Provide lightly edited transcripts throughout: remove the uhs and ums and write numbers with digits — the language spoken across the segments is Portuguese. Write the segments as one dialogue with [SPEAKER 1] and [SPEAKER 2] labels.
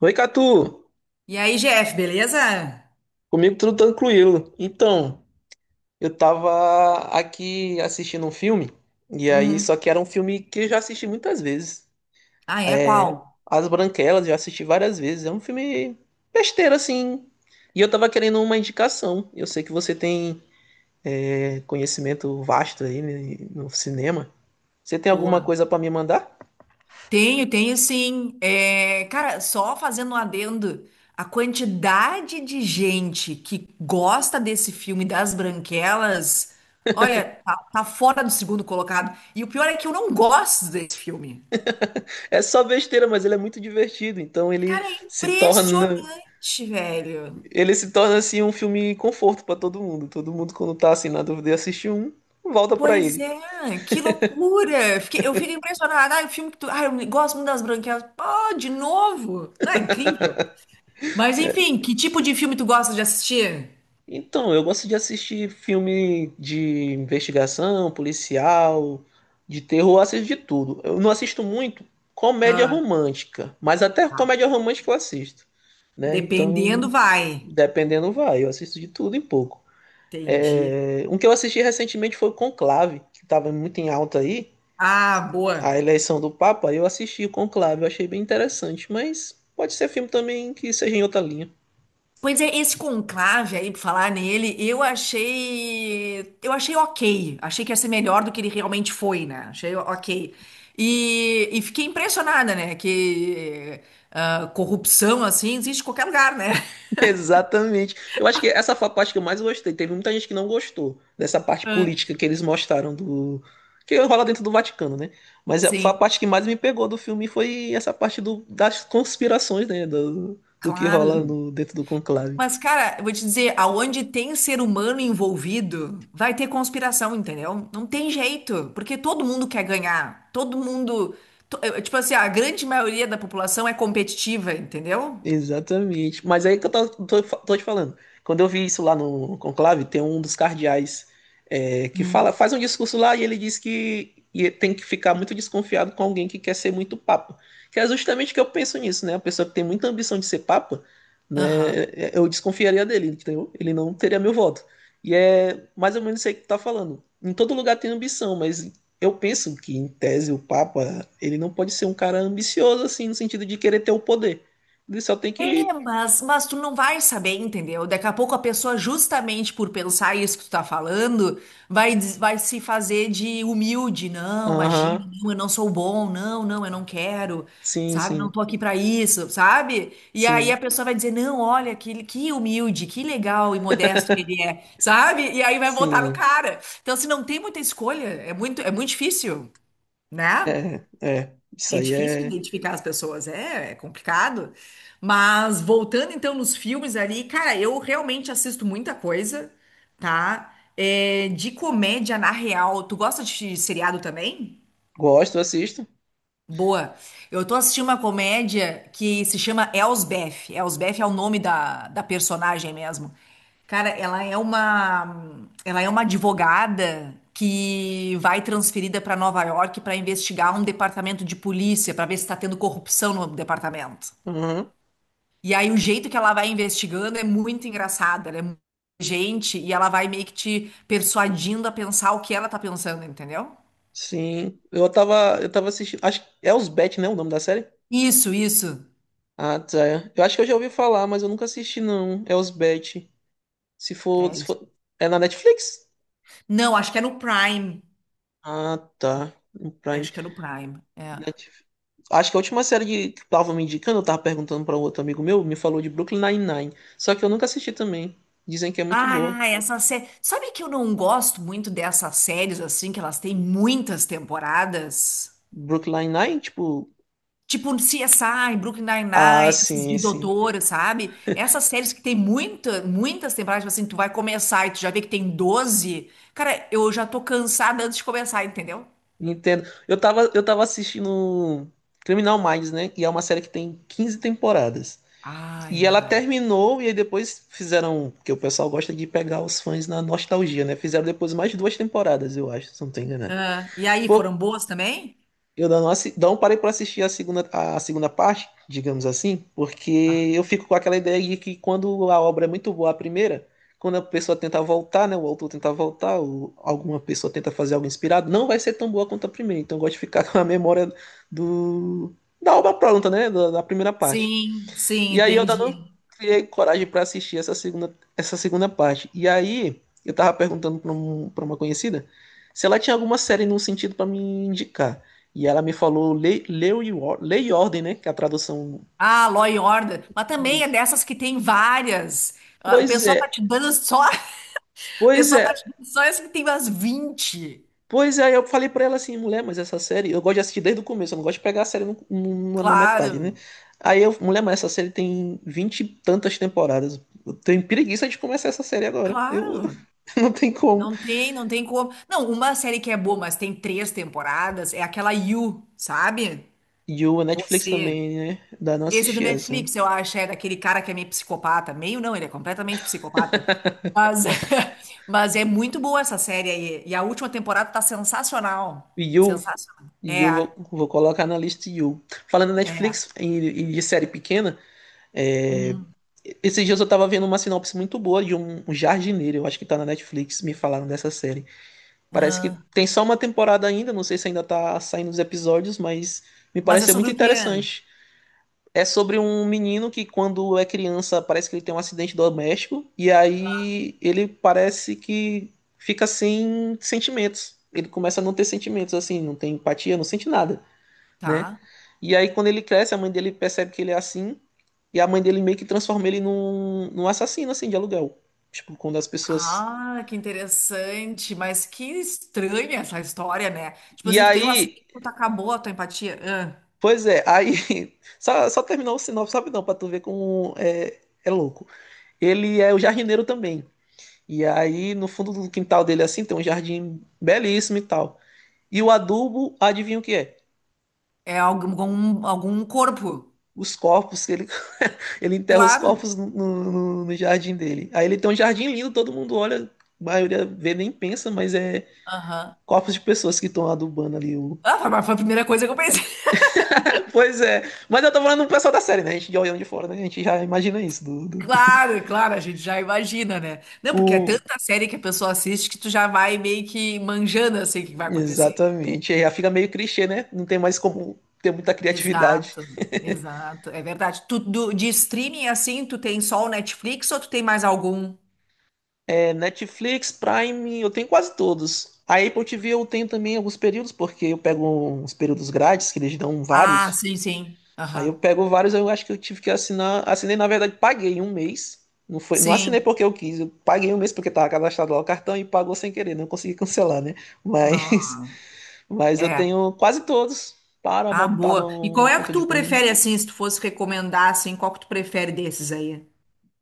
[SPEAKER 1] Oi, Catu!
[SPEAKER 2] E aí, Jeff, beleza?
[SPEAKER 1] Comigo tudo tranquilo. Então, eu tava aqui assistindo um filme,
[SPEAKER 2] Hum.
[SPEAKER 1] só que era um filme que eu já assisti muitas vezes.
[SPEAKER 2] Ah, é?
[SPEAKER 1] É,
[SPEAKER 2] Qual?
[SPEAKER 1] As Branquelas, já assisti várias vezes. É um filme besteira, assim. E eu tava querendo uma indicação. Eu sei que você tem, conhecimento vasto aí né, no cinema. Você tem alguma
[SPEAKER 2] Boa.
[SPEAKER 1] coisa pra me mandar?
[SPEAKER 2] Tenho, tenho sim. Cara, só fazendo um adendo, a quantidade de gente que gosta desse filme das Branquelas, olha, tá fora do segundo colocado. E o pior é que eu não gosto desse filme.
[SPEAKER 1] É só besteira, mas ele é muito divertido, então ele
[SPEAKER 2] Cara, é
[SPEAKER 1] se torna.
[SPEAKER 2] impressionante, velho.
[SPEAKER 1] Ele se torna assim um filme conforto pra todo mundo. Todo mundo quando tá assim na dúvida e assiste um, volta pra
[SPEAKER 2] Pois
[SPEAKER 1] ele.
[SPEAKER 2] é, que loucura! Eu fico impressionada. Ah, o filme que tu. Ah, eu gosto muito das branquelas. Pô, de novo! Ah, incrível! Mas enfim, que tipo de filme tu gosta de assistir?
[SPEAKER 1] Então, eu gosto de assistir filme de investigação, policial, de terror, eu assisto de tudo. Eu não assisto muito comédia
[SPEAKER 2] Ah,
[SPEAKER 1] romântica, mas até comédia
[SPEAKER 2] tá.
[SPEAKER 1] romântica eu assisto, né?
[SPEAKER 2] Dependendo,
[SPEAKER 1] Então,
[SPEAKER 2] vai.
[SPEAKER 1] dependendo vai, eu assisto de tudo em pouco.
[SPEAKER 2] Entendi.
[SPEAKER 1] Um que eu assisti recentemente foi o Conclave, que tava muito em alta aí.
[SPEAKER 2] Ah,
[SPEAKER 1] A
[SPEAKER 2] boa.
[SPEAKER 1] eleição do Papa, eu assisti o Conclave, eu achei bem interessante, mas pode ser filme também que seja em outra linha.
[SPEAKER 2] Pois é, esse conclave aí, pra falar nele, eu achei. Eu achei ok. Achei que ia ser melhor do que ele realmente foi, né? Achei ok. E fiquei impressionada, né? Que ah, corrupção assim existe em qualquer lugar, né?
[SPEAKER 1] Exatamente. Eu acho que essa foi a parte que eu mais gostei. Teve muita gente que não gostou dessa parte
[SPEAKER 2] Ah,
[SPEAKER 1] política que eles mostraram do que rola dentro do Vaticano, né? Mas foi a
[SPEAKER 2] sim,
[SPEAKER 1] parte que mais me pegou do filme foi essa parte do, das conspirações, né? Do que rola
[SPEAKER 2] claro.
[SPEAKER 1] no, dentro do conclave.
[SPEAKER 2] Mas, cara, eu vou te dizer, aonde tem ser humano envolvido, vai ter conspiração, entendeu? Não tem jeito, porque todo mundo quer ganhar. Todo mundo. Tipo assim, a grande maioria da população é competitiva, entendeu?
[SPEAKER 1] Exatamente. Mas aí que eu tô te falando. Quando eu vi isso lá no conclave, tem um dos cardeais que
[SPEAKER 2] Hum.
[SPEAKER 1] fala, faz um discurso lá e ele diz que e tem que ficar muito desconfiado com alguém que quer ser muito papa. Que é justamente o que eu penso nisso, né? A pessoa que tem muita ambição de ser papa,
[SPEAKER 2] Aham.
[SPEAKER 1] né, eu desconfiaria dele, entendeu? Ele não teria meu voto. E é mais ou menos isso aí que tu tá falando. Em todo lugar tem ambição, mas eu penso que, em tese, o papa, ele não pode ser um cara ambicioso, assim, no sentido de querer ter o poder. Ele só tem
[SPEAKER 2] É,
[SPEAKER 1] que.
[SPEAKER 2] mas tu não vai saber, entendeu? Daqui a pouco a pessoa, justamente por pensar isso que tu tá falando, vai se fazer de humilde. Não, imagina,
[SPEAKER 1] Aham.
[SPEAKER 2] não, eu não sou bom, não, não, eu não quero,
[SPEAKER 1] Sim,
[SPEAKER 2] sabe? Não
[SPEAKER 1] sim.
[SPEAKER 2] tô aqui pra isso, sabe? E aí
[SPEAKER 1] Sim.
[SPEAKER 2] a pessoa vai dizer, não, olha, que humilde, que legal e modesto que ele é, sabe? E aí vai voltar no
[SPEAKER 1] Sim.
[SPEAKER 2] cara. Então, se não tem muita escolha, é muito difícil, né?
[SPEAKER 1] É, é. Isso
[SPEAKER 2] É
[SPEAKER 1] aí
[SPEAKER 2] difícil
[SPEAKER 1] é.
[SPEAKER 2] identificar as pessoas, é complicado. Mas voltando então nos filmes ali, cara, eu realmente assisto muita coisa, tá? É, de comédia na real. Tu gosta de seriado também?
[SPEAKER 1] Gosto, assisto.
[SPEAKER 2] Boa. Eu tô assistindo uma comédia que se chama Elsbeth. Elsbeth é o nome da personagem mesmo. Cara, ela é uma advogada que vai transferida para Nova York para investigar um departamento de polícia para ver se está tendo corrupção no departamento.
[SPEAKER 1] Aham.
[SPEAKER 2] E aí o jeito que ela vai investigando é muito engraçado, ela é muito inteligente e ela vai meio que te persuadindo a pensar o que ela tá pensando, entendeu?
[SPEAKER 1] Sim. Eu tava assistindo. Acho que é Elsbeth, né? O nome da série?
[SPEAKER 2] Isso, isso.
[SPEAKER 1] Ah, tá. Eu acho que eu já ouvi falar, mas eu nunca assisti, não. É Elsbeth. Se for,
[SPEAKER 2] É
[SPEAKER 1] se
[SPEAKER 2] isso.
[SPEAKER 1] for. É na Netflix?
[SPEAKER 2] Não, acho que é no Prime.
[SPEAKER 1] Ah, tá. No
[SPEAKER 2] É,
[SPEAKER 1] Prime.
[SPEAKER 2] acho que é no Prime. É.
[SPEAKER 1] Netflix. Acho que a última série que tava me indicando, eu tava perguntando pra um outro amigo meu, me falou de Brooklyn Nine-Nine. Só que eu nunca assisti também. Dizem que é muito boa.
[SPEAKER 2] Ah, essa série. Sabe que eu não gosto muito dessas séries assim, que elas têm muitas temporadas?
[SPEAKER 1] Brooklyn Nine, tipo.
[SPEAKER 2] Tipo CSI, Brooklyn
[SPEAKER 1] Ah,
[SPEAKER 2] Nine-Nine, essas
[SPEAKER 1] sim,
[SPEAKER 2] de
[SPEAKER 1] sim.
[SPEAKER 2] doutora, sabe? Essas séries que tem muita, muitas temporadas, tipo assim, tu vai começar e tu já vê que tem 12. Cara, eu já tô cansada antes de começar, entendeu?
[SPEAKER 1] Entendo. Eu tava assistindo Criminal Minds, né? E é uma série que tem 15 temporadas.
[SPEAKER 2] Ah, é
[SPEAKER 1] E ela
[SPEAKER 2] verdade.
[SPEAKER 1] terminou, e aí depois fizeram. Porque o pessoal gosta de pegar os fãs na nostalgia, né? Fizeram depois mais 2 temporadas, eu acho, se não tô enganado.
[SPEAKER 2] Ah, e aí, foram
[SPEAKER 1] Pô,
[SPEAKER 2] boas também?
[SPEAKER 1] eu não, não parei para assistir a segunda parte, digamos assim, porque eu fico com aquela ideia de que quando a obra é muito boa, a primeira, quando a pessoa tenta voltar, né, o autor tenta voltar, ou alguma pessoa tenta fazer algo inspirado, não vai ser tão boa quanto a primeira. Então eu gosto de ficar com a memória do, da obra pronta, né, da primeira parte.
[SPEAKER 2] Sim, sim,
[SPEAKER 1] E aí eu ainda não
[SPEAKER 2] entendi.
[SPEAKER 1] criei coragem pra assistir essa segunda parte. E aí eu tava perguntando pra uma conhecida se ela tinha alguma série num sentido pra me indicar. E ela me falou Lei e Ordem, né? Que é a tradução.
[SPEAKER 2] Ah, Law and Order. Mas também é
[SPEAKER 1] Isso.
[SPEAKER 2] dessas que tem várias. Ah, o
[SPEAKER 1] Pois
[SPEAKER 2] pessoal tá
[SPEAKER 1] é,
[SPEAKER 2] te dando só. O
[SPEAKER 1] pois
[SPEAKER 2] pessoal
[SPEAKER 1] é.
[SPEAKER 2] tá te dando só essa que tem umas 20.
[SPEAKER 1] Pois é, eu falei pra ela assim, mulher, mas essa série eu gosto de assistir desde o começo, eu não gosto de pegar a série na metade, né?
[SPEAKER 2] Claro,
[SPEAKER 1] Aí eu, mulher, mas essa série tem 20 e tantas temporadas. Eu tenho preguiça de começar essa série agora. Eu
[SPEAKER 2] claro.
[SPEAKER 1] não tem como.
[SPEAKER 2] Não tem, não tem como. Não, uma série que é boa, mas tem três temporadas, é aquela You, sabe?
[SPEAKER 1] You, a Netflix
[SPEAKER 2] Você.
[SPEAKER 1] também, né? Dá não
[SPEAKER 2] Esse é do
[SPEAKER 1] assistir essa.
[SPEAKER 2] Netflix, eu acho, é daquele cara que é meio psicopata. Meio não, ele é completamente psicopata. Mas, mas é muito boa essa série aí. E a última temporada tá sensacional.
[SPEAKER 1] You,
[SPEAKER 2] Sensacional. É,
[SPEAKER 1] You, vou colocar na lista You. Falando em
[SPEAKER 2] é.
[SPEAKER 1] Netflix e de série pequena, esses dias eu tava vendo uma sinopse muito boa de um jardineiro, eu acho que tá na Netflix, me falaram dessa série. Parece que
[SPEAKER 2] Ah,
[SPEAKER 1] tem só 1 temporada ainda, não sei se ainda tá saindo os episódios, mas me
[SPEAKER 2] mas é
[SPEAKER 1] pareceu
[SPEAKER 2] sobre
[SPEAKER 1] muito
[SPEAKER 2] o quê?
[SPEAKER 1] interessante. É sobre um menino que, quando é criança, parece que ele tem um acidente doméstico, e aí ele parece que fica sem sentimentos. Ele começa a não ter sentimentos, assim, não tem empatia, não sente nada, né?
[SPEAKER 2] Tá.
[SPEAKER 1] E aí, quando ele cresce, a mãe dele percebe que ele é assim, e a mãe dele meio que transforma ele num assassino, assim, de aluguel. Tipo, quando as pessoas.
[SPEAKER 2] Ah, que interessante, mas que estranha essa história, né? Tipo
[SPEAKER 1] E
[SPEAKER 2] assim, tu tem um
[SPEAKER 1] aí,
[SPEAKER 2] acidente, tu acabou a tua empatia. Ah,
[SPEAKER 1] pois é, aí. Só terminar o sinopse, sabe não, pra tu ver como é, é louco. Ele é o jardineiro também. E aí, no fundo do quintal dele, assim, tem um jardim belíssimo e tal. E o adubo, adivinha o que é?
[SPEAKER 2] é algum, algum corpo.
[SPEAKER 1] Os corpos, que ele, ele enterra os
[SPEAKER 2] Claro.
[SPEAKER 1] corpos no jardim dele. Aí ele tem um jardim lindo, todo mundo olha, a maioria vê nem pensa, mas é
[SPEAKER 2] Aham.
[SPEAKER 1] corpos de pessoas que estão adubando ali. O...
[SPEAKER 2] Ah, foi mas foi a primeira coisa que eu pensei.
[SPEAKER 1] Pois é, mas eu tô falando do pessoal da série, né? A gente de olhando de fora, né? A gente já imagina isso.
[SPEAKER 2] Claro, claro, a gente já imagina, né? Não, porque é
[SPEAKER 1] O...
[SPEAKER 2] tanta série que a pessoa assiste que tu já vai meio que manjando assim o que vai acontecer.
[SPEAKER 1] Exatamente, aí já fica meio clichê, né? Não tem mais como ter muita criatividade.
[SPEAKER 2] Exato, exato, é verdade. De streaming assim, tu tem só o Netflix ou tu tem mais algum?
[SPEAKER 1] É Netflix, Prime, eu tenho quase todos. A Apple TV eu tenho também alguns períodos, porque eu pego uns períodos grátis, que eles dão
[SPEAKER 2] Ah,
[SPEAKER 1] vários.
[SPEAKER 2] sim, sim.
[SPEAKER 1] Aí eu
[SPEAKER 2] Aham.
[SPEAKER 1] pego vários, eu acho que eu tive que assinar. Assinei, na verdade, paguei um mês. Não, foi, não assinei
[SPEAKER 2] Sim.
[SPEAKER 1] porque eu quis, eu paguei um mês porque estava cadastrado lá o cartão e pagou sem querer, não consegui cancelar, né?
[SPEAKER 2] Não.
[SPEAKER 1] Mas, mas eu
[SPEAKER 2] É.
[SPEAKER 1] tenho quase todos. Para
[SPEAKER 2] Ah,
[SPEAKER 1] tá
[SPEAKER 2] boa. E
[SPEAKER 1] no, no
[SPEAKER 2] qual é
[SPEAKER 1] ponto
[SPEAKER 2] que
[SPEAKER 1] de
[SPEAKER 2] tu
[SPEAKER 1] coisa. Né?
[SPEAKER 2] prefere, assim, se tu fosse recomendar, assim, qual que tu prefere desses aí?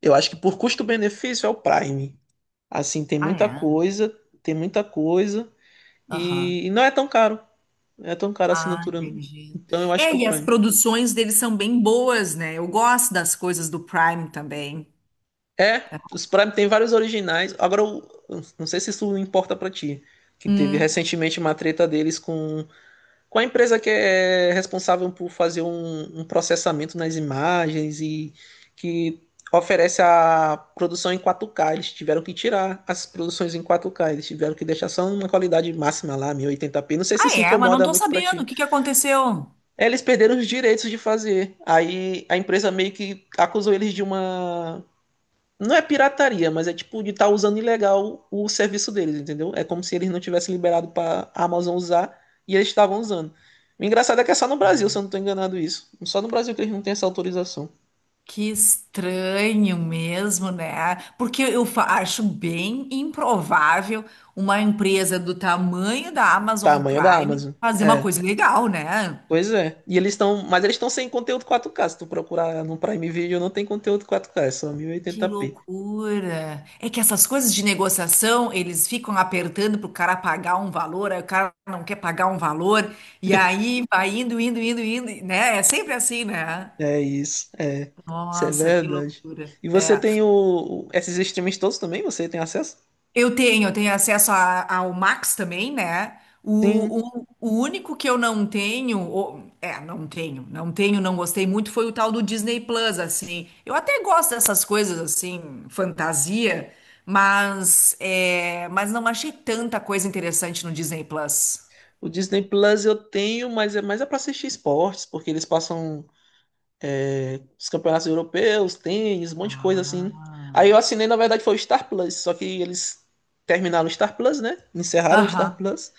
[SPEAKER 1] Eu acho que por custo-benefício é o Prime. Assim,
[SPEAKER 2] Ah, é?
[SPEAKER 1] tem muita coisa
[SPEAKER 2] Aham.
[SPEAKER 1] e não é tão caro. É tão cara a
[SPEAKER 2] Ah,
[SPEAKER 1] assinatura.
[SPEAKER 2] entendi.
[SPEAKER 1] Então eu acho
[SPEAKER 2] É,
[SPEAKER 1] que o
[SPEAKER 2] e as
[SPEAKER 1] Prime.
[SPEAKER 2] produções deles são bem boas, né? Eu gosto das coisas do Prime também.
[SPEAKER 1] É, os Prime tem vários originais. Agora, eu não sei se isso importa pra ti. Que teve
[SPEAKER 2] Hum.
[SPEAKER 1] recentemente uma treta deles com a empresa que é responsável por fazer um processamento nas imagens e que oferece a produção em 4K. Eles tiveram que tirar as produções em 4K. Eles tiveram que deixar só uma qualidade máxima lá, 1080p. Não sei se
[SPEAKER 2] Ah,
[SPEAKER 1] isso
[SPEAKER 2] é? Mas não
[SPEAKER 1] incomoda
[SPEAKER 2] tô
[SPEAKER 1] muito pra
[SPEAKER 2] sabendo.
[SPEAKER 1] ti.
[SPEAKER 2] O que que aconteceu?
[SPEAKER 1] Eles perderam os direitos de fazer. Aí a empresa meio que acusou eles de uma. Não é pirataria, mas é tipo de estar usando ilegal o serviço deles, entendeu? É como se eles não tivessem liberado para a Amazon usar e eles estavam usando. O engraçado é que é só no Brasil, se eu não tô enganado isso. Só no Brasil que eles não têm essa autorização.
[SPEAKER 2] Que estranho mesmo, né? Porque acho bem improvável uma empresa do tamanho da Amazon
[SPEAKER 1] Tamanho da
[SPEAKER 2] Prime
[SPEAKER 1] Amazon.
[SPEAKER 2] fazer uma
[SPEAKER 1] É,
[SPEAKER 2] coisa legal, né?
[SPEAKER 1] pois é. E eles estão, mas eles estão sem conteúdo 4K. Se tu procurar no Prime Video, não tem conteúdo 4K, é só
[SPEAKER 2] Que
[SPEAKER 1] 1080p.
[SPEAKER 2] loucura! É que essas coisas de negociação, eles ficam apertando pro cara pagar um valor, aí o cara não quer pagar um valor, e aí vai indo, indo, indo, indo, né? É sempre assim, né?
[SPEAKER 1] É isso, é. Isso é
[SPEAKER 2] Nossa, que
[SPEAKER 1] verdade.
[SPEAKER 2] loucura.
[SPEAKER 1] E você
[SPEAKER 2] É.
[SPEAKER 1] tem esses streams todos também? Você tem acesso?
[SPEAKER 2] Eu tenho acesso ao Max também, né? O,
[SPEAKER 1] Sim.
[SPEAKER 2] o, o único que eu não tenho, não tenho, não tenho, não gostei muito, foi o tal do Disney Plus, assim. Eu até gosto dessas coisas, assim, fantasia, mas, é, mas não achei tanta coisa interessante no Disney Plus.
[SPEAKER 1] O Disney Plus eu tenho, mas é mais é pra assistir esportes, porque eles passam os campeonatos europeus, tênis, um monte de coisa assim.
[SPEAKER 2] Ah.
[SPEAKER 1] Aí eu assinei, na verdade, foi o Star Plus, só que eles terminaram o Star Plus, né? Encerraram o Star
[SPEAKER 2] Aham.
[SPEAKER 1] Plus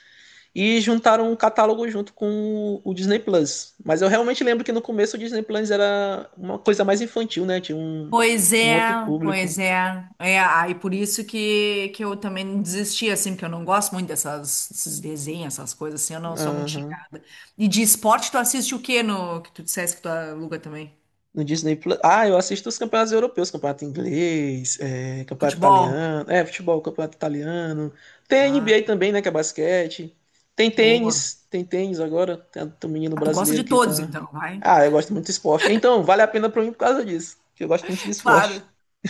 [SPEAKER 1] e juntaram um catálogo junto com o Disney Plus. Mas eu realmente lembro que no começo o Disney Plus era uma coisa mais infantil, né? Tinha um,
[SPEAKER 2] Pois
[SPEAKER 1] um
[SPEAKER 2] é,
[SPEAKER 1] outro público.
[SPEAKER 2] pois é. É, aí por isso que eu também desisti, assim, porque eu não gosto muito desses desenhos, essas coisas, assim, eu não sou muito
[SPEAKER 1] Aham.
[SPEAKER 2] chegada. E de esporte, tu assiste o quê no que tu dissesse que tu aluga também?
[SPEAKER 1] No Disney Plus. Ah, eu assisto os campeonatos europeus, campeonato inglês, campeonato
[SPEAKER 2] Futebol?
[SPEAKER 1] italiano, futebol, campeonato italiano. Tem NBA
[SPEAKER 2] Ah,
[SPEAKER 1] também, né, que é basquete.
[SPEAKER 2] boa.
[SPEAKER 1] Tem tênis agora. Tem um menino
[SPEAKER 2] Ah, tu gosta
[SPEAKER 1] brasileiro
[SPEAKER 2] de
[SPEAKER 1] que
[SPEAKER 2] todos,
[SPEAKER 1] tá.
[SPEAKER 2] então, vai.
[SPEAKER 1] Ah, eu gosto muito de esporte. Então, vale a pena pra mim por causa disso, que eu gosto muito de esporte.
[SPEAKER 2] Claro.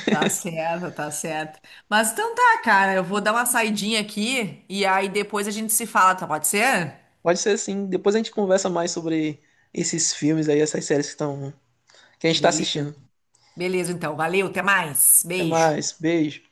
[SPEAKER 2] Tá certo, tá certo. Mas então tá, cara, eu vou dar uma saidinha aqui e aí depois a gente se fala, tá? Pode ser?
[SPEAKER 1] Pode ser assim, depois a gente conversa mais sobre esses filmes aí, essas séries que estão, que a gente tá
[SPEAKER 2] Beleza.
[SPEAKER 1] assistindo.
[SPEAKER 2] Beleza, então. Valeu, até mais.
[SPEAKER 1] Até
[SPEAKER 2] Beijo.
[SPEAKER 1] mais, beijo.